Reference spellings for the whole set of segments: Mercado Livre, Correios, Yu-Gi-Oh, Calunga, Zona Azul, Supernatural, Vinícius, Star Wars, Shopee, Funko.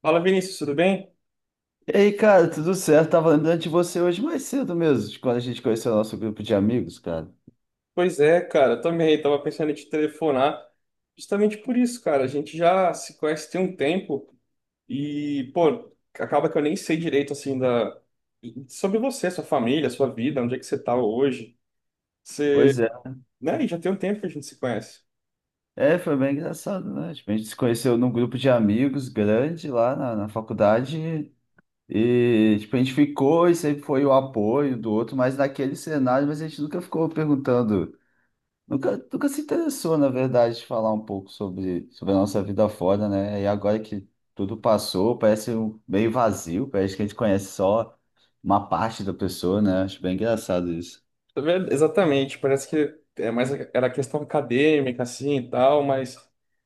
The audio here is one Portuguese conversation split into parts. Fala, Vinícius, tudo bem? E aí, cara, tudo certo? Tava lembrando de você hoje mais cedo mesmo, de quando a gente conheceu o nosso grupo de amigos, cara. Pois é, cara, também tava pensando em te telefonar justamente por isso, cara. A gente já se conhece tem um tempo e, pô, acaba que eu nem sei direito, assim, sobre você, sua família, sua vida, onde é que você tá hoje. Você, Pois é. né, e já tem um tempo que a gente se conhece. É, foi bem engraçado, né? A gente se conheceu num grupo de amigos grande lá na faculdade e, a gente ficou e sempre foi o apoio do outro, mas naquele cenário, mas a gente nunca ficou perguntando. Nunca se interessou, na verdade, de falar um pouco sobre a nossa vida fora, né? E agora que tudo passou, meio vazio, parece que a gente conhece só uma parte da pessoa, né? Acho bem engraçado isso. Tá vendo? Exatamente, parece que é mais era questão acadêmica assim e tal, mas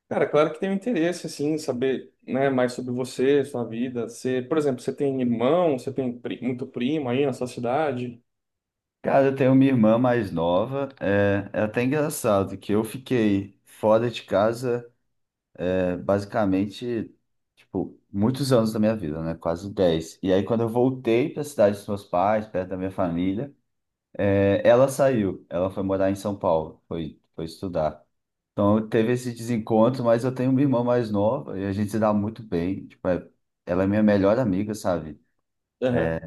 cara, claro que tem um interesse assim, em saber, né, mais sobre você, sua vida. Você, por exemplo, você tem irmão, você tem muito primo aí na sua cidade? Cara, eu tenho uma irmã mais nova, é até engraçado que eu fiquei fora de casa, basicamente, tipo, muitos anos da minha vida, né? Quase 10. E aí, quando eu voltei para a cidade dos meus pais, perto da minha família, é, ela saiu, ela foi morar em São Paulo, foi estudar. Então teve esse desencontro, mas eu tenho uma irmã mais nova e a gente se dá muito bem. Ela é minha melhor amiga, sabe? Aham.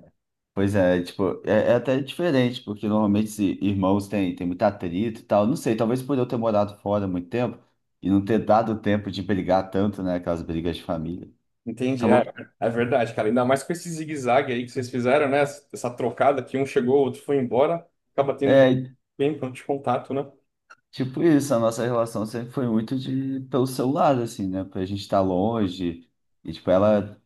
Pois é, tipo, é até diferente, porque normalmente se irmãos têm tem muito atrito e tal. Não sei, talvez por eu ter morado fora há muito tempo e não ter dado tempo de brigar tanto, né? Aquelas brigas de família. Entendi, é, Acabou. é verdade, cara. Ainda mais com esse zigue-zague aí que vocês fizeram, né? Essa trocada que um chegou, o outro foi embora, acaba tendo É, bem ponto de contato, né? tipo isso, a nossa relação sempre foi muito de pelo celular, assim, né? Pra gente estar longe. E, tipo,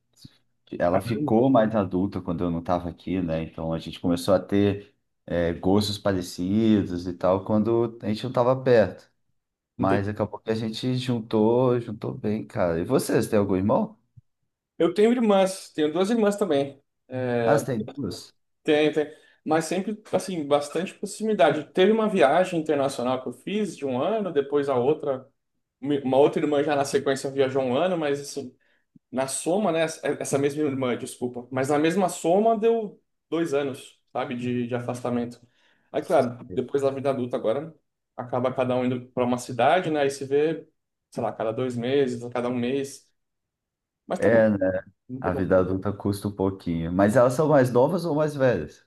ela ficou mais adulta quando eu não tava aqui, né? Então a gente começou a ter gostos parecidos e tal quando a gente não tava perto. Não. Mas acabou que a gente juntou, juntou bem, cara. E você tem algum irmão? Eu tenho irmãs, tenho duas irmãs também. Ah, você tem duas? Tem, tem. Mas sempre, assim, bastante proximidade. Teve uma viagem internacional que eu fiz de um ano, depois a outra, uma outra irmã já na sequência viajou um ano, mas assim, na soma, né? Essa mesma irmã, desculpa. Mas na mesma soma deu 2 anos, sabe, de afastamento. Aí, claro, depois da vida adulta agora, acaba cada um indo para uma cidade, né? E se vê, sei lá, cada 2 meses, a cada um mês. Mas tá bom, É, né? muito A bom. vida adulta custa um pouquinho. Mas elas são mais novas ou mais velhas?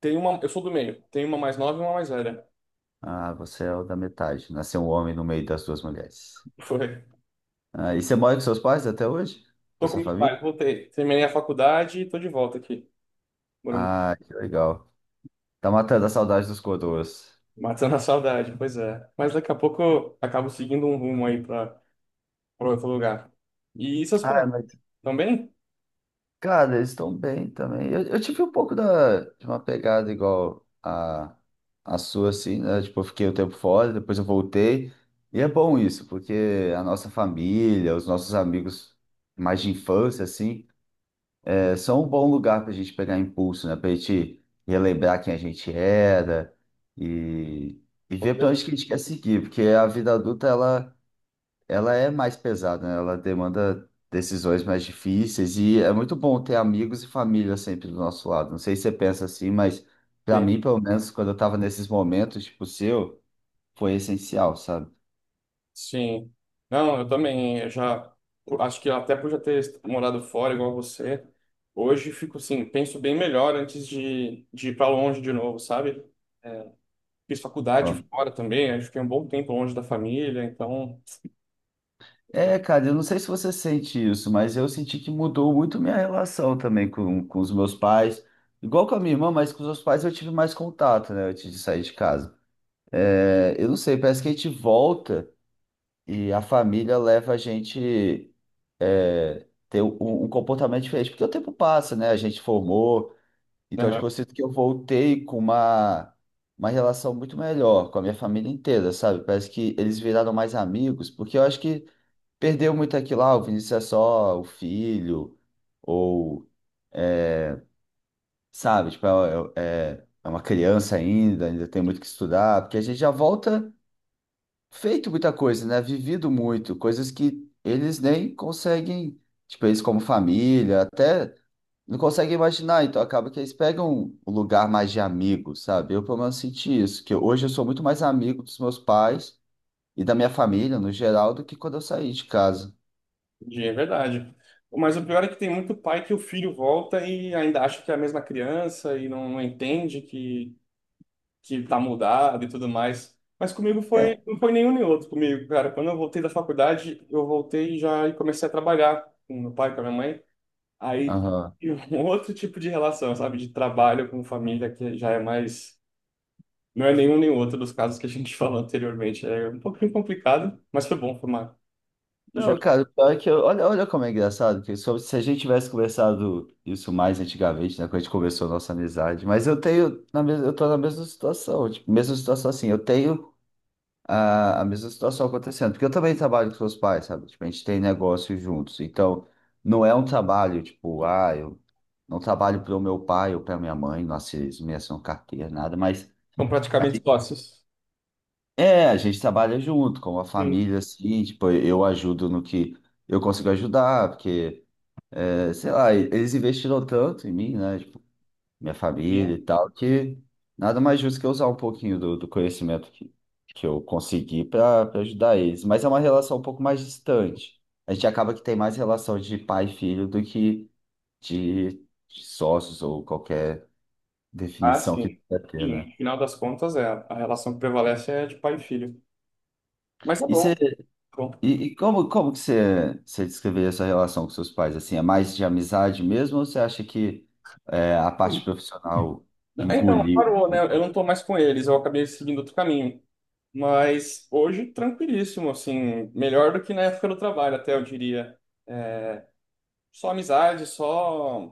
Tem uma, eu sou do meio, tem uma mais nova e uma mais velha. Ah, você é o da metade. Nasceu um homem no meio das duas mulheres. Ah, e você mora com seus pais até hoje? Com a Tô com sua meus família? pais, voltei. Terminei a faculdade e tô de volta aqui, morando, Ah, que legal. Tá matando a saudade dos coroas. matando a saudade, pois é. Mas daqui a pouco eu acabo seguindo um rumo aí pra outro lugar. E seus pais, Ah, mas, também? cara, eles estão bem também. Eu tive um pouco de uma pegada igual a sua, assim, né? Tipo, eu fiquei um tempo fora, depois eu voltei. E é bom isso, porque a nossa família, os nossos amigos mais de infância, assim, é só um bom lugar para a gente pegar impulso, né? Para a gente relembrar quem a gente era e, e ver Você para onde que a gente quer seguir, porque a vida adulta ela é mais pesada, né? Ela demanda decisões mais difíceis e é muito bom ter amigos e família sempre do nosso lado. Não sei se você pensa assim, mas para tem. mim, pelo menos, quando eu estava nesses momentos, tipo o seu, foi essencial, sabe? Sim. Não, eu também, acho que até por já ter morado fora, igual você, hoje fico assim, penso bem melhor antes de ir pra longe de novo, sabe? É, fiz faculdade fora também, acho que é um bom tempo longe da família, então... É, cara, eu não sei se você sente isso, mas eu senti que mudou muito minha relação também com os meus pais. Igual com a minha irmã, mas com os meus pais eu tive mais contato, né, antes de sair de casa. É, eu não sei, parece que a gente volta e a família leva a gente ter um comportamento diferente, porque o tempo passa, né, a gente formou. Então, tipo, eu sinto que eu voltei com uma relação muito melhor com a minha família inteira, sabe? Parece que eles viraram mais amigos, porque eu acho que perdeu muito aquilo, ah, o Vinícius é só o filho, ou, é, sabe, é uma criança ainda, ainda tem muito que estudar, porque a gente já volta feito muita coisa, né? Vivido muito, coisas que eles nem conseguem, tipo, eles como família, até não conseguem imaginar, então acaba que eles pegam um lugar mais de amigo, sabe? Eu, pelo menos, senti isso, que hoje eu sou muito mais amigo dos meus pais e da minha família, no geral, do que quando eu saí de casa. Entendi. É verdade. Mas o pior é que tem muito pai que o filho volta e ainda acha que é a mesma criança e não entende que tá mudado e tudo mais. Mas comigo É. foi, não foi nenhum nem outro comigo, cara. Quando eu voltei da faculdade, eu voltei já e comecei a trabalhar com meu pai, com a minha mãe. Aí Aham. e um outro tipo de relação, sabe? De trabalho com família que já é mais. Não é nenhum nem outro dos casos que a gente falou anteriormente. É um pouquinho complicado, mas foi bom formar. Não, cara, o pior é que eu, olha, como é engraçado, se a gente tivesse conversado isso mais antigamente, né, quando a gente começou a nossa amizade, mas eu tenho, eu tô na mesma situação, tipo, mesma situação assim, eu tenho a mesma situação acontecendo, porque eu também trabalho com seus pais, sabe, tipo, a gente tem negócio juntos, então não é um trabalho, tipo, ah, eu não trabalho para o meu pai ou para minha mãe, nossa, eles não me assinam carteira, nada, mas São praticamente sócios. é, a gente trabalha junto, como a família, assim, tipo, eu ajudo no que eu consigo ajudar, porque, é, sei lá, eles investiram tanto em mim, né, tipo, minha família Sim. e tal, que nada mais justo que eu usar um pouquinho do conhecimento que eu consegui para ajudar eles. Mas é uma relação um pouco mais distante. A gente acaba que tem mais relação de pai e filho do que de, de sócios ou qualquer Ah, definição que sim. quer ter, Sim, né? no final das contas, é, a relação que prevalece é de pai e filho. Mas tá E bom, você tá bom. E, como, como que você descreveria essa relação com seus pais? Assim, é mais de amizade mesmo ou você acha que é, a parte profissional Então, engoliu um parou, né? Eu pouco? não tô mais com eles, eu acabei seguindo outro caminho. Mas hoje, tranquilíssimo, assim, melhor do que na época do trabalho, até eu diria. É, só amizade, só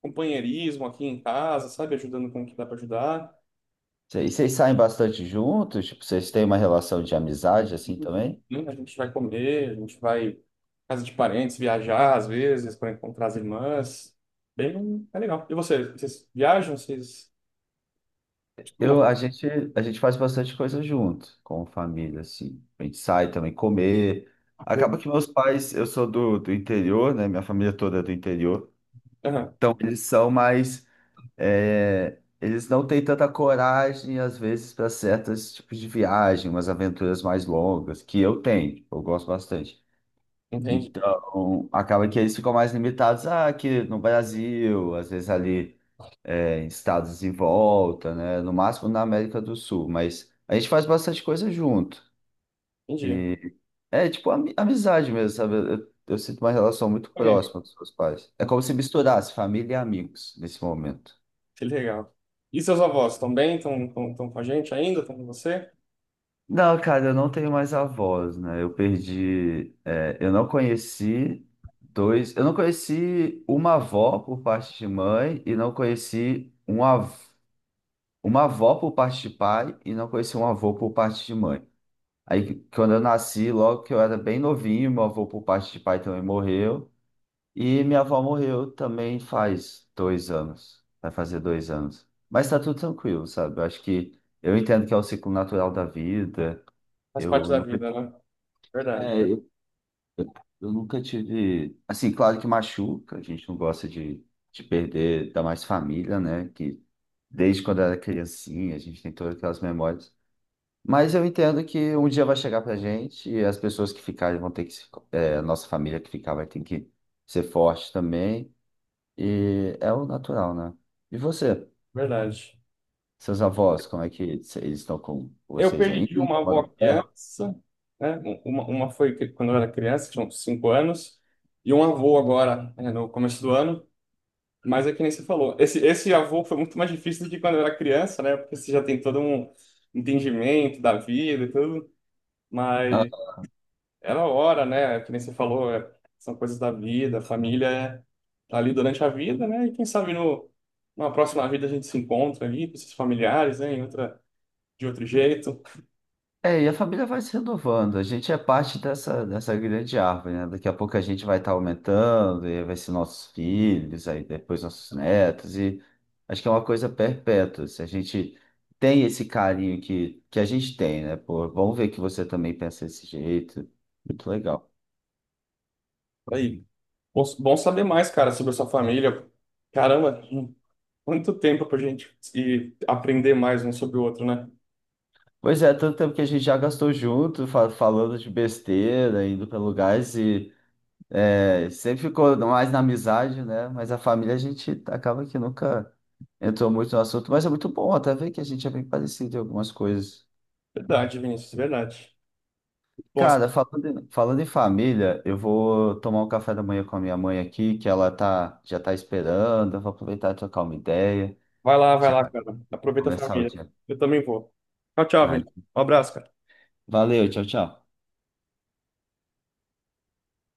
companheirismo aqui em casa, sabe? Ajudando com o que dá pra ajudar. Vocês saem bastante juntos? Tipo, vocês têm uma relação de amizade assim também? Né, a gente vai comer, a gente vai à casa de parentes, viajar às vezes para encontrar as irmãs. Bem, é legal. E vocês, vocês viajam? Vocês costumam Eu, a gente, a gente faz bastante coisa junto, com família, assim. A gente sai também comer. fazer? Acaba que meus pais, eu sou do interior, né? Minha família toda é do interior. Aham, Então, eles são mais é, eles não têm tanta coragem, às vezes, para certos tipos de viagem, umas aventuras mais longas, que eu tenho, tipo, eu gosto bastante. entendi, Então, acaba que eles ficam mais limitados ah, aqui no Brasil, às vezes ali é, em estados em volta, né? No máximo na América do Sul, mas a gente faz bastante coisa junto. entendi. E é amizade mesmo, sabe? Eu sinto uma relação muito É, próxima com os meus pais. É como se misturasse família e amigos nesse momento. que legal. E seus avós estão bem? Estão com a gente ainda? Estão com você? Não, cara, eu não tenho mais avós, né? Eu perdi. É, eu não conheci dois. Eu não conheci uma avó por parte de mãe e não conheci uma avó por parte de pai e não conheci um avô por parte de mãe. Aí, quando eu nasci, logo que eu era bem novinho, meu avô por parte de pai também morreu. E minha avó morreu também faz 2 anos. Vai fazer 2 anos. Mas tá tudo tranquilo, sabe? Eu acho que eu entendo que é o ciclo natural da vida. Faz parte Eu da não vida, né? Verdade, é, eu nunca tive. Assim, claro que machuca, a gente não gosta de perder, ainda mais família, né? Que desde quando era criancinha, a gente tem todas aquelas memórias. Mas eu entendo que um dia vai chegar pra gente e as pessoas que ficarem vão ter que. Se- é, a nossa família que ficar vai ter que ser forte também. E é o natural, né? E você? verdade. Seus avós, como é que eles estão com Eu vocês perdi ainda? uma avó Tomaram pé? criança, né? Uma foi quando eu era criança, tinha uns 5 anos, e um avô agora, né, no começo do ano. Mas é que nem você falou, esse avô foi muito mais difícil do que quando eu era criança, né? Porque você já tem todo um entendimento da vida e tudo, mas era a hora, né? É. Que nem você falou, são coisas da vida, a família tá ali durante a vida, né? E quem sabe no, numa próxima vida a gente se encontra ali com esses familiares, né? Em outra, de outro jeito. É, e a família vai se renovando. A gente é parte dessa grande árvore, né? Daqui a pouco a gente vai estar aumentando, e aí vai ser nossos filhos, aí depois nossos netos, e acho que é uma coisa perpétua. Se a gente tem esse carinho que a gente tem, né? Pô, vamos ver que você também pensa desse jeito. Muito legal. Aí, bom, bom saber mais, cara, sobre a sua família. Caramba, quanto tempo pra gente ir aprender mais um sobre o outro, né? Pois é, tanto tempo que a gente já gastou junto, falando de besteira, indo para lugares é, sempre ficou mais na amizade, né? Mas a família a gente acaba que nunca entrou muito no assunto, mas é muito bom até ver que a gente é bem parecido em algumas coisas. Verdade, Vinícius, verdade. Bom, Cara, falando em família, eu vou tomar um café da manhã com a minha mãe aqui, que já tá esperando. Eu vou aproveitar e trocar uma ideia, vai lá, vai já lá, cara. Aproveita a começar o família. dia. Eu também vou. Tchau, tchau, Ah, gente. Um abraço, cara. valeu, tchau, tchau.